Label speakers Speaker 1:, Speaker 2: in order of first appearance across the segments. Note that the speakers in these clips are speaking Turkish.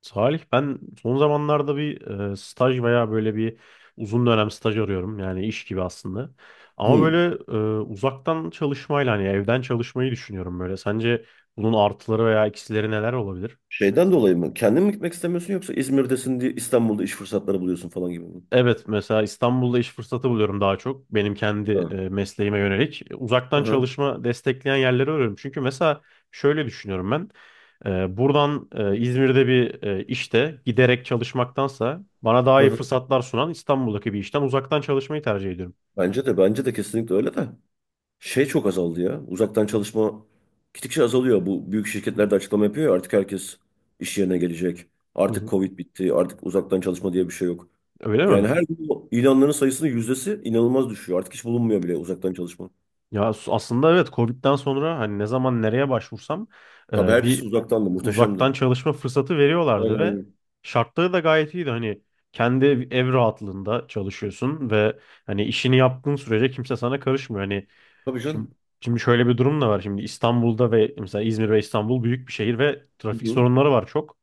Speaker 1: Salih ben son zamanlarda staj veya böyle bir uzun dönem staj arıyorum. Yani iş gibi aslında. Ama
Speaker 2: Hı.
Speaker 1: uzaktan çalışmayla hani evden çalışmayı düşünüyorum böyle. Sence bunun artıları veya eksileri neler olabilir?
Speaker 2: Şeyden dolayı mı? Kendin mi gitmek istemiyorsun, yoksa İzmir'desin diye İstanbul'da iş fırsatları buluyorsun falan gibi mi?
Speaker 1: Evet mesela İstanbul'da iş fırsatı buluyorum daha çok benim kendi
Speaker 2: Hı.
Speaker 1: mesleğime yönelik.
Speaker 2: Hı
Speaker 1: Uzaktan
Speaker 2: hı.
Speaker 1: çalışma destekleyen yerleri arıyorum. Çünkü mesela şöyle düşünüyorum ben. Buradan İzmir'de işte giderek çalışmaktansa bana daha
Speaker 2: Hı
Speaker 1: iyi
Speaker 2: hı.
Speaker 1: fırsatlar sunan İstanbul'daki bir işten uzaktan çalışmayı tercih ediyorum.
Speaker 2: Bence de kesinlikle öyle de. Şey çok azaldı ya. Uzaktan çalışma gittikçe azalıyor. Bu büyük şirketler de açıklama yapıyor ya, artık herkes iş yerine gelecek.
Speaker 1: Hı
Speaker 2: Artık
Speaker 1: hı.
Speaker 2: Covid bitti. Artık uzaktan çalışma diye bir şey yok.
Speaker 1: Öyle mi?
Speaker 2: Yani her gün bu ilanların sayısının yüzdesi inanılmaz düşüyor. Artık hiç bulunmuyor bile uzaktan çalışma.
Speaker 1: Ya aslında evet Covid'den sonra hani ne zaman nereye başvursam
Speaker 2: Tabii
Speaker 1: e,
Speaker 2: hepsi
Speaker 1: bir
Speaker 2: uzaktandı. Muhteşemdi.
Speaker 1: uzaktan çalışma fırsatı veriyorlardı
Speaker 2: Aynen
Speaker 1: ve
Speaker 2: aynen.
Speaker 1: şartları da gayet iyiydi. Hani kendi ev rahatlığında çalışıyorsun ve hani işini yaptığın sürece kimse sana karışmıyor. Hani
Speaker 2: Tabii
Speaker 1: şimdi
Speaker 2: canım.
Speaker 1: şimdi şöyle bir durum da var. Şimdi İstanbul'da ve mesela İzmir ve İstanbul büyük bir şehir ve
Speaker 2: Hı
Speaker 1: trafik
Speaker 2: hı.
Speaker 1: sorunları var çok.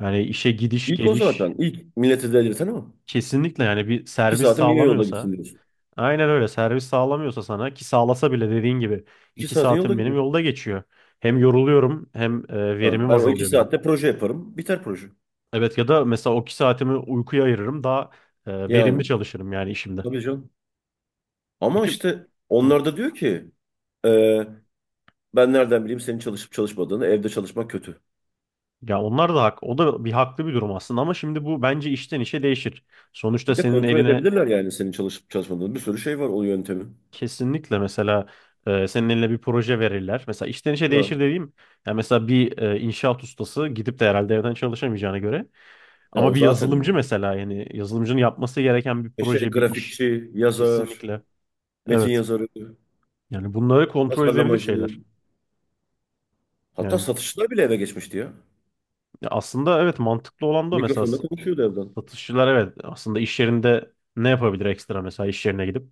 Speaker 1: Yani işe gidiş
Speaker 2: İlk o
Speaker 1: geliş
Speaker 2: zaten. İlk milleti delirten o.
Speaker 1: kesinlikle yani bir
Speaker 2: İki
Speaker 1: servis
Speaker 2: saatim niye yolda
Speaker 1: sağlamıyorsa.
Speaker 2: gitsin diyorsun.
Speaker 1: Aynen öyle. Servis sağlamıyorsa sana ki sağlasa bile dediğin gibi
Speaker 2: İki
Speaker 1: iki
Speaker 2: saatin yolda
Speaker 1: saatim benim
Speaker 2: gidiyor.
Speaker 1: yolda geçiyor. Hem yoruluyorum hem
Speaker 2: Ha,
Speaker 1: verimim
Speaker 2: ben o iki
Speaker 1: azalıyor benim.
Speaker 2: saatte proje yaparım. Biter proje.
Speaker 1: Evet ya da mesela o iki saatimi uykuya ayırırım daha verimli
Speaker 2: Yani
Speaker 1: çalışırım yani işimde.
Speaker 2: tabii canım. Ama
Speaker 1: Peki.
Speaker 2: işte
Speaker 1: Hı.
Speaker 2: onlar da diyor ki e, ben nereden bileyim senin çalışıp çalışmadığını, evde çalışmak kötü.
Speaker 1: Ya onlar da hak. O da bir haklı bir durum aslında ama şimdi bu bence işten işe değişir. Sonuçta
Speaker 2: Bir de
Speaker 1: senin
Speaker 2: kontrol
Speaker 1: eline
Speaker 2: edebilirler yani senin çalışıp çalışmadığını. Bir sürü şey var o yöntemi.
Speaker 1: kesinlikle mesela senin eline bir proje verirler. Mesela işten işe değişir
Speaker 2: Ha.
Speaker 1: dediğim yani mesela bir inşaat ustası gidip de herhalde evden çalışamayacağına göre.
Speaker 2: Ya
Speaker 1: Ama
Speaker 2: o
Speaker 1: bir
Speaker 2: zaten
Speaker 1: yazılımcı
Speaker 2: öyle.
Speaker 1: mesela yani yazılımcının yapması gereken bir
Speaker 2: E şey
Speaker 1: proje, bir iş.
Speaker 2: grafikçi, yazar,
Speaker 1: Kesinlikle.
Speaker 2: metin
Speaker 1: Evet.
Speaker 2: yazarı,
Speaker 1: Yani bunları kontrol edebilir
Speaker 2: tasarlamacı.
Speaker 1: şeyler.
Speaker 2: Hatta
Speaker 1: Yani
Speaker 2: satışçılar bile eve geçmişti ya.
Speaker 1: aslında evet mantıklı olan da o. Mesela
Speaker 2: Mikrofonla konuşuyordu evden.
Speaker 1: satışçılar, evet, aslında iş yerinde ne yapabilir ekstra mesela iş yerine gidip.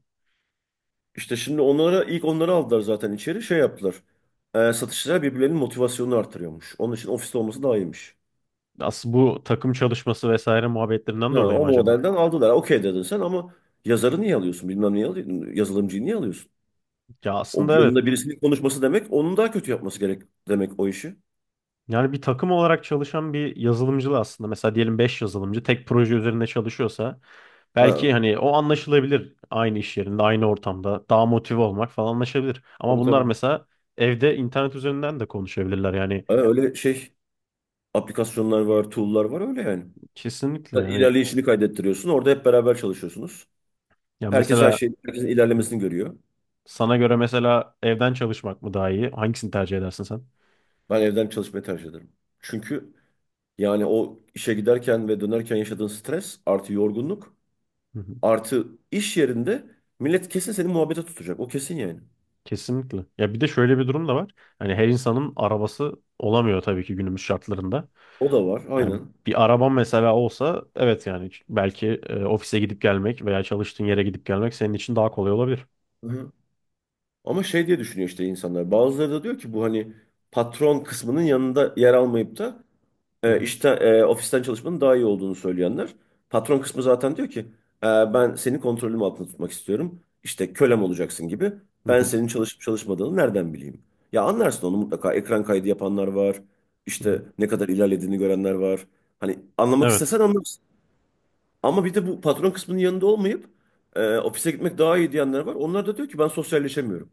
Speaker 2: İşte şimdi onlara, ilk onları aldılar zaten içeri, şey yaptılar. Satışçılar birbirlerinin motivasyonunu artırıyormuş. Onun için ofiste olması daha iyiymiş.
Speaker 1: Aslında bu takım çalışması vesaire muhabbetlerinden
Speaker 2: Ha,
Speaker 1: dolayı
Speaker 2: o
Speaker 1: mı acaba?
Speaker 2: modelden aldılar. Okey dedin sen ama yazarı niye alıyorsun? Bilmem niye alıyorsun. Yazılımcıyı niye alıyorsun?
Speaker 1: Ya
Speaker 2: O
Speaker 1: aslında
Speaker 2: yanında
Speaker 1: evet.
Speaker 2: birisinin konuşması demek onun daha kötü yapması gerek demek o işi.
Speaker 1: Yani bir takım olarak çalışan bir yazılımcı da aslında mesela diyelim 5 yazılımcı tek proje üzerinde çalışıyorsa
Speaker 2: Ha,
Speaker 1: belki hani o anlaşılabilir aynı iş yerinde, aynı ortamda daha motive olmak falan anlaşılabilir. Ama
Speaker 2: tabii
Speaker 1: bunlar
Speaker 2: tabii.
Speaker 1: mesela evde internet üzerinden de konuşabilirler yani
Speaker 2: Ha, öyle şey aplikasyonlar var, tool'lar var öyle yani.
Speaker 1: kesinlikle
Speaker 2: Sen
Speaker 1: yani
Speaker 2: ilerleyişini kaydettiriyorsun. Orada hep beraber çalışıyorsunuz.
Speaker 1: ya
Speaker 2: Herkes her
Speaker 1: mesela.
Speaker 2: şeyin, herkesin
Speaker 1: Hı hı.
Speaker 2: ilerlemesini görüyor.
Speaker 1: Sana göre mesela evden çalışmak mı daha iyi? Hangisini tercih edersin sen?
Speaker 2: Ben evden çalışmayı tercih ederim. Çünkü yani o işe giderken ve dönerken yaşadığın stres artı yorgunluk
Speaker 1: Hı hı.
Speaker 2: artı iş yerinde millet kesin seni muhabbete tutacak. O kesin yani.
Speaker 1: Kesinlikle. Ya bir de şöyle bir durum da var. Hani her insanın arabası olamıyor tabii ki günümüz şartlarında.
Speaker 2: O da var
Speaker 1: Yani
Speaker 2: aynen.
Speaker 1: bir araban mesela olsa evet yani belki ofise gidip gelmek veya çalıştığın yere gidip gelmek senin için daha kolay olabilir.
Speaker 2: Hı-hı. Ama şey diye düşünüyor işte insanlar. Bazıları da diyor ki bu, hani patron kısmının yanında yer almayıp da
Speaker 1: Hı hı.
Speaker 2: ofisten çalışmanın daha iyi olduğunu söyleyenler. Patron kısmı zaten diyor ki: "E, ben seni kontrolüm altında tutmak istiyorum. İşte kölem olacaksın gibi.
Speaker 1: Hı
Speaker 2: Ben
Speaker 1: hı.
Speaker 2: senin çalışıp çalışmadığını nereden bileyim?" Ya anlarsın onu mutlaka. Ekran kaydı yapanlar var.
Speaker 1: Hı hı.
Speaker 2: İşte ne kadar ilerlediğini görenler var. Hani anlamak
Speaker 1: Evet.
Speaker 2: istesen anlarsın. Ama bir de bu patron kısmının yanında olmayıp ofise gitmek daha iyi diyenler var. Onlar da diyor ki ben sosyalleşemiyorum.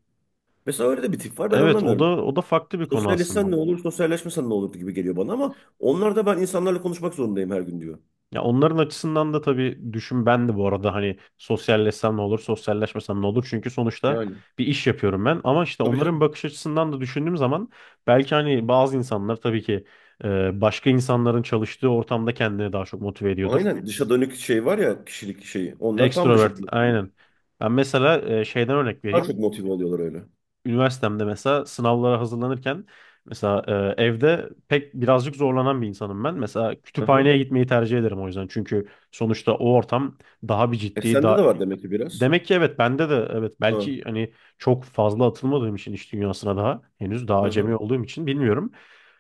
Speaker 2: Mesela öyle de bir tip var, ben
Speaker 1: Evet, o da
Speaker 2: anlamıyorum.
Speaker 1: o da farklı bir konu
Speaker 2: Sosyalleşsen
Speaker 1: aslında.
Speaker 2: ne olur, sosyalleşmesen ne olur gibi geliyor bana, ama onlar da ben insanlarla konuşmak zorundayım her gün diyor.
Speaker 1: Ya onların açısından da tabii düşün, ben de bu arada hani sosyalleşsem ne olur, sosyalleşmesem ne olur? Çünkü sonuçta
Speaker 2: Yani
Speaker 1: bir iş yapıyorum ben. Ama işte
Speaker 2: tabii
Speaker 1: onların
Speaker 2: canım.
Speaker 1: bakış açısından da düşündüğüm zaman belki hani bazı insanlar tabii ki başka insanların çalıştığı ortamda kendini daha çok motive ediyordur.
Speaker 2: Aynen, dışa dönük şey var ya, kişilik şeyi. Onlar tam dışa
Speaker 1: Extrovert
Speaker 2: dönük.
Speaker 1: aynen. Ben mesela şeyden örnek
Speaker 2: Daha çok
Speaker 1: vereyim.
Speaker 2: motive oluyorlar öyle.
Speaker 1: Üniversitemde mesela sınavlara hazırlanırken mesela evde pek birazcık zorlanan bir insanım ben. Mesela
Speaker 2: Hı
Speaker 1: kütüphaneye
Speaker 2: hı.
Speaker 1: gitmeyi tercih ederim o yüzden. Çünkü sonuçta o ortam daha bir
Speaker 2: E
Speaker 1: ciddi,
Speaker 2: sende
Speaker 1: daha.
Speaker 2: de var demek ki biraz.
Speaker 1: Demek ki evet, bende de evet
Speaker 2: Hı.
Speaker 1: belki hani çok fazla atılmadığım için iş dünyasına daha henüz daha
Speaker 2: Hı
Speaker 1: acemi
Speaker 2: hı.
Speaker 1: olduğum için bilmiyorum.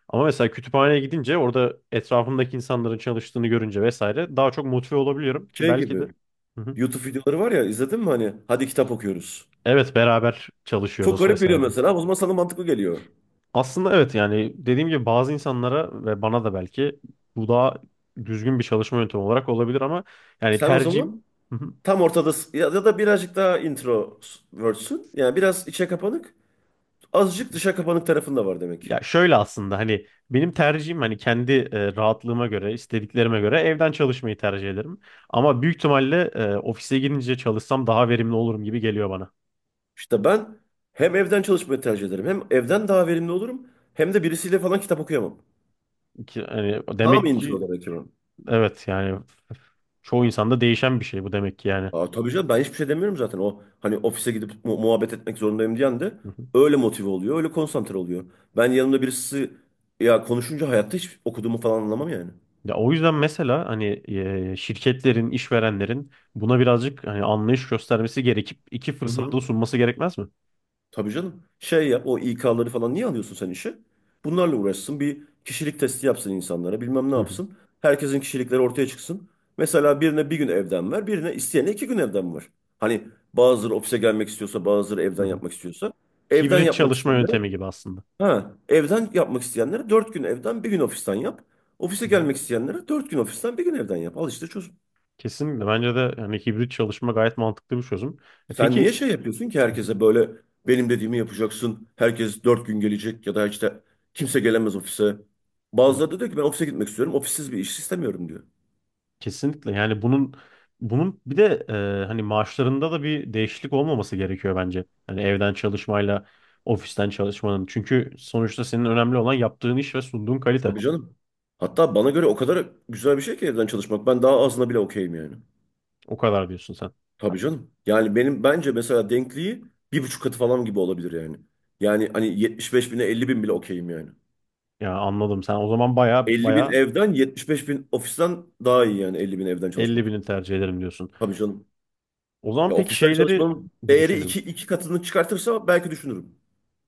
Speaker 1: Ama mesela kütüphaneye gidince orada etrafımdaki insanların çalıştığını görünce vesaire daha çok motive olabiliyorum ki
Speaker 2: Şey
Speaker 1: belki de.
Speaker 2: gibi
Speaker 1: Hı hı.
Speaker 2: YouTube videoları var ya, izledin mi, hani hadi kitap okuyoruz.
Speaker 1: Evet beraber
Speaker 2: Çok
Speaker 1: çalışıyoruz
Speaker 2: garip
Speaker 1: vesaire.
Speaker 2: geliyor mesela, o zaman sana mantıklı geliyor.
Speaker 1: Aslında evet yani dediğim gibi bazı insanlara ve bana da belki bu daha düzgün bir çalışma yöntemi olarak olabilir ama yani
Speaker 2: Sen o zaman
Speaker 1: tercihim. Hı hı.
Speaker 2: tam ortadasın ya, ya da birazcık daha introvertsin. Yani biraz içe kapanık, azıcık dışa kapanık tarafın da var demek ki.
Speaker 1: Ya şöyle aslında hani benim tercihim hani kendi rahatlığıma göre istediklerime göre evden çalışmayı tercih ederim. Ama büyük ihtimalle ofise gidince çalışsam daha verimli olurum gibi geliyor bana.
Speaker 2: İşte ben hem evden çalışmayı tercih ederim. Hem evden daha verimli olurum. Hem de birisiyle falan kitap okuyamam.
Speaker 1: Ki, hani
Speaker 2: Tam
Speaker 1: demek
Speaker 2: intro
Speaker 1: ki
Speaker 2: olarak yani.
Speaker 1: evet yani çoğu insanda değişen bir şey bu demek ki yani.
Speaker 2: Aa, tabii canım, ben hiçbir şey demiyorum zaten. O hani ofise gidip muhabbet etmek zorundayım diyen de öyle motive oluyor. Öyle konsantre oluyor. Ben yanımda birisi ya konuşunca hayatta hiç okuduğumu falan anlamam yani.
Speaker 1: Ya o yüzden mesela hani şirketlerin, işverenlerin buna birazcık hani anlayış göstermesi gerekip iki
Speaker 2: Hı hı.
Speaker 1: fırsatı da sunması gerekmez mi?
Speaker 2: Tabii canım. Şey yap, o İK'ları falan niye alıyorsun sen işe? Bunlarla uğraşsın. Bir kişilik testi yapsın insanlara. Bilmem ne
Speaker 1: Hı hı,
Speaker 2: yapsın. Herkesin kişilikleri ortaya çıksın. Mesela birine 1 gün evden ver. Birine, isteyene 2 gün evden ver. Hani bazıları ofise gelmek istiyorsa, bazıları
Speaker 1: hı
Speaker 2: evden
Speaker 1: hı.
Speaker 2: yapmak istiyorsa. Evden
Speaker 1: Hibrit
Speaker 2: yapmak
Speaker 1: çalışma
Speaker 2: isteyenlere
Speaker 1: yöntemi gibi aslında.
Speaker 2: ha, Evden yapmak isteyenlere 4 gün evden 1 gün ofisten yap. Ofise
Speaker 1: Hı hı.
Speaker 2: gelmek isteyenlere 4 gün ofisten 1 gün evden yap. Al işte çöz.
Speaker 1: Kesinlikle bence de hani hibrit çalışma gayet mantıklı bir çözüm. E
Speaker 2: Sen niye
Speaker 1: peki.
Speaker 2: şey yapıyorsun ki
Speaker 1: Hı hı,
Speaker 2: herkese böyle benim dediğimi yapacaksın. Herkes 4 gün gelecek, ya da işte kimse gelemez ofise.
Speaker 1: hı.
Speaker 2: Bazıları da diyor ki ben ofise gitmek istiyorum. Ofissiz bir iş istemiyorum diyor.
Speaker 1: Kesinlikle yani bunun bir de hani maaşlarında da bir değişiklik olmaması gerekiyor bence. Hani evden çalışmayla ofisten çalışmanın. Çünkü sonuçta senin önemli olan yaptığın iş ve sunduğun kalite.
Speaker 2: Tabii canım. Hatta bana göre o kadar güzel bir şey ki evden çalışmak. Ben daha azına bile okeyim yani.
Speaker 1: O kadar diyorsun sen.
Speaker 2: Tabii canım. Yani benim bence mesela denkliği 1,5 katı falan gibi olabilir yani. Yani hani 75 bine 50 bin bile okeyim yani.
Speaker 1: Ya anladım. Sen o zaman baya
Speaker 2: 50 bin
Speaker 1: baya
Speaker 2: evden 75 bin ofisten daha iyi, yani 50 bin evden
Speaker 1: 50
Speaker 2: çalışmak.
Speaker 1: bini tercih ederim diyorsun.
Speaker 2: Tabii canım.
Speaker 1: O zaman
Speaker 2: Ya
Speaker 1: peki
Speaker 2: ofisten
Speaker 1: şeyleri
Speaker 2: çalışmanın
Speaker 1: bir
Speaker 2: değeri
Speaker 1: düşünelim.
Speaker 2: iki, iki katını çıkartırsa belki düşünürüm.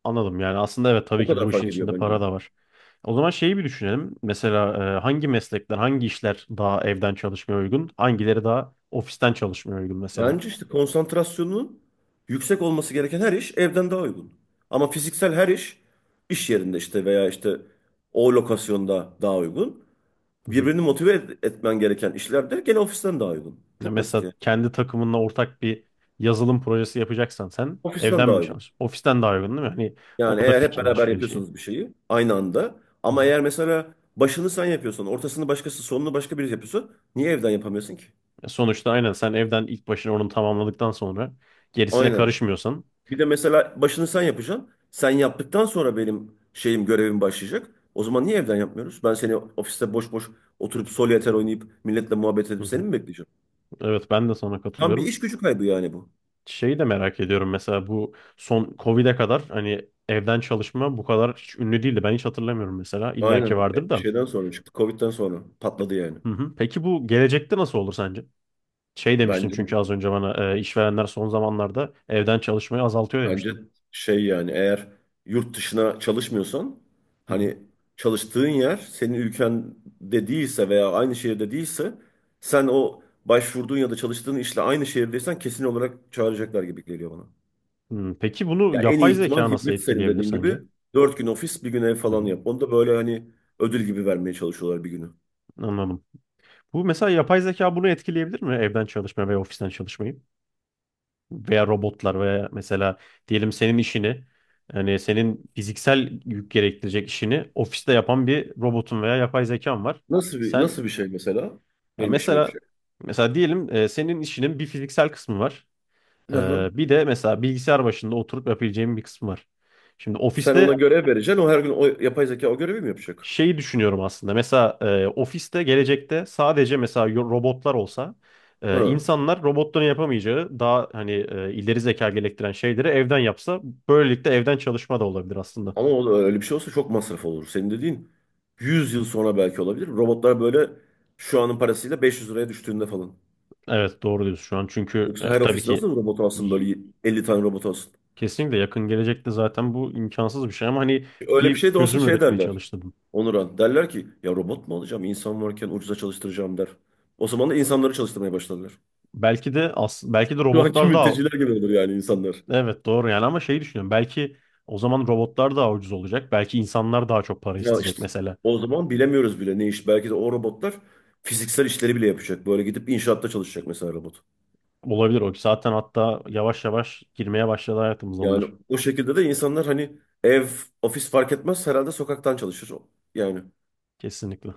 Speaker 1: Anladım yani aslında evet
Speaker 2: O
Speaker 1: tabii ki
Speaker 2: kadar
Speaker 1: bu işin
Speaker 2: fark ediyor
Speaker 1: içinde
Speaker 2: bence.
Speaker 1: para da var. O zaman şeyi bir düşünelim. Mesela hangi meslekler, hangi işler daha evden çalışmaya uygun, hangileri daha ofisten çalışmaya uygun mesela.
Speaker 2: Bence işte konsantrasyonun yüksek olması gereken her iş evden daha uygun. Ama fiziksel her iş iş yerinde işte, veya işte o lokasyonda daha uygun.
Speaker 1: Hı hı.
Speaker 2: Birbirini motive etmen gereken işler de gene ofisten daha uygun.
Speaker 1: Ya
Speaker 2: Çok basit
Speaker 1: mesela
Speaker 2: ya.
Speaker 1: kendi takımınla ortak bir yazılım projesi yapacaksan sen
Speaker 2: Ofisten
Speaker 1: evden
Speaker 2: daha
Speaker 1: mi
Speaker 2: uygun.
Speaker 1: çalış? Ofisten daha uygun değil mi? Hani
Speaker 2: Yani
Speaker 1: orada
Speaker 2: eğer hep
Speaker 1: fikir
Speaker 2: beraber
Speaker 1: alışverişi.
Speaker 2: yapıyorsanız bir şeyi aynı anda,
Speaker 1: Hı
Speaker 2: ama
Speaker 1: hı.
Speaker 2: eğer mesela başını sen yapıyorsan, ortasını başkası, sonunu başka biri yapıyorsa, niye evden yapamıyorsun ki?
Speaker 1: Ya sonuçta aynen sen evden ilk başına onu tamamladıktan sonra gerisine
Speaker 2: Aynen.
Speaker 1: karışmıyorsan.
Speaker 2: Bir de mesela başını sen yapacaksın. Sen yaptıktan sonra benim şeyim, görevim başlayacak. O zaman niye evden yapmıyoruz? Ben seni ofiste boş boş oturup solitaire oynayıp milletle muhabbet
Speaker 1: Hı
Speaker 2: edip seni
Speaker 1: hı.
Speaker 2: mi bekleyeceğim?
Speaker 1: Evet ben de sana
Speaker 2: Tam bir
Speaker 1: katılıyorum.
Speaker 2: iş gücü kaybı yani bu.
Speaker 1: Şeyi de merak ediyorum mesela bu son Covid'e kadar hani evden çalışma bu kadar hiç ünlü değildi. Ben hiç hatırlamıyorum mesela. İlla ki
Speaker 2: Aynen.
Speaker 1: vardır da.
Speaker 2: Şeyden sonra çıktı. Covid'den sonra patladı yani.
Speaker 1: Hı hı. Peki bu gelecekte nasıl olur sence? Şey demiştin
Speaker 2: Bence.
Speaker 1: çünkü az önce bana işverenler son zamanlarda evden çalışmayı azaltıyor
Speaker 2: Bence
Speaker 1: demiştin.
Speaker 2: şey yani, eğer yurt dışına çalışmıyorsan,
Speaker 1: Hı hı.
Speaker 2: hani çalıştığın yer senin ülkende değilse veya aynı şehirde değilse, sen o başvurduğun ya da çalıştığın işle aynı şehirdeysen kesin olarak çağıracaklar gibi geliyor bana.
Speaker 1: Hı, peki bunu
Speaker 2: Ya en iyi
Speaker 1: yapay
Speaker 2: ihtimal
Speaker 1: zeka nasıl
Speaker 2: hibrit, senin
Speaker 1: etkileyebilir
Speaker 2: dediğin gibi
Speaker 1: sence?
Speaker 2: 4 gün ofis 1 gün ev
Speaker 1: Hı
Speaker 2: falan
Speaker 1: hı.
Speaker 2: yap. Onu da böyle hani ödül gibi vermeye çalışıyorlar bir günü.
Speaker 1: Anladım. Bu mesela yapay zeka bunu etkileyebilir mi evden çalışma ve ofisten çalışmayı? Veya robotlar veya mesela diyelim senin işini, yani senin fiziksel yük gerektirecek işini ofiste yapan bir robotun veya yapay zekan var.
Speaker 2: Nasıl bir
Speaker 1: Sen
Speaker 2: nasıl bir şey mesela
Speaker 1: ya
Speaker 2: benim işimi
Speaker 1: mesela
Speaker 2: yapacak?
Speaker 1: mesela diyelim senin işinin bir fiziksel kısmı var.
Speaker 2: Hı hı.
Speaker 1: E, Bir de mesela bilgisayar başında oturup yapabileceğin bir kısmı var. Şimdi
Speaker 2: Sen ona
Speaker 1: ofiste
Speaker 2: görev vereceksin, o her gün o yapay zeka o görevi mi yapacak?
Speaker 1: şeyi düşünüyorum aslında. Mesela ofiste gelecekte sadece mesela robotlar olsa
Speaker 2: Hı.
Speaker 1: insanlar robotların yapamayacağı daha hani ileri zeka gerektiren şeyleri evden yapsa böylelikle evden çalışma da olabilir aslında.
Speaker 2: Ama öyle bir şey olsa çok masraf olur. Senin dediğin 100 yıl sonra belki olabilir. Robotlar böyle şu anın parasıyla 500 liraya düştüğünde falan.
Speaker 1: Evet doğru diyorsun şu an çünkü
Speaker 2: Yoksa her
Speaker 1: tabii
Speaker 2: ofis
Speaker 1: ki
Speaker 2: nasıl robot alsın
Speaker 1: y-
Speaker 2: böyle, 50 tane robot alsın.
Speaker 1: kesinlikle yakın gelecekte zaten bu imkansız bir şey ama hani
Speaker 2: Öyle bir
Speaker 1: bir
Speaker 2: şey de olsa
Speaker 1: çözüm
Speaker 2: şey
Speaker 1: üretmeye
Speaker 2: derler.
Speaker 1: çalıştım.
Speaker 2: Onuran derler ki ya robot mu alacağım insan varken, ucuza çalıştıracağım der. O zaman da insanları çalıştırmaya başladılar.
Speaker 1: Belki de
Speaker 2: Şu anki
Speaker 1: robotlar daha
Speaker 2: mülteciler gibi olur yani insanlar.
Speaker 1: evet doğru yani ama şeyi düşünüyorum belki o zaman robotlar daha ucuz olacak belki insanlar daha çok para
Speaker 2: Ya
Speaker 1: isteyecek
Speaker 2: işte
Speaker 1: mesela.
Speaker 2: o zaman bilemiyoruz bile ne iş. Belki de o robotlar fiziksel işleri bile yapacak. Böyle gidip inşaatta çalışacak mesela robot.
Speaker 1: Olabilir o. Zaten hatta yavaş yavaş girmeye başladı hayatımıza
Speaker 2: Yani
Speaker 1: onlar.
Speaker 2: o şekilde de insanlar hani ev, ofis fark etmez herhalde, sokaktan çalışır. Yani
Speaker 1: Kesinlikle.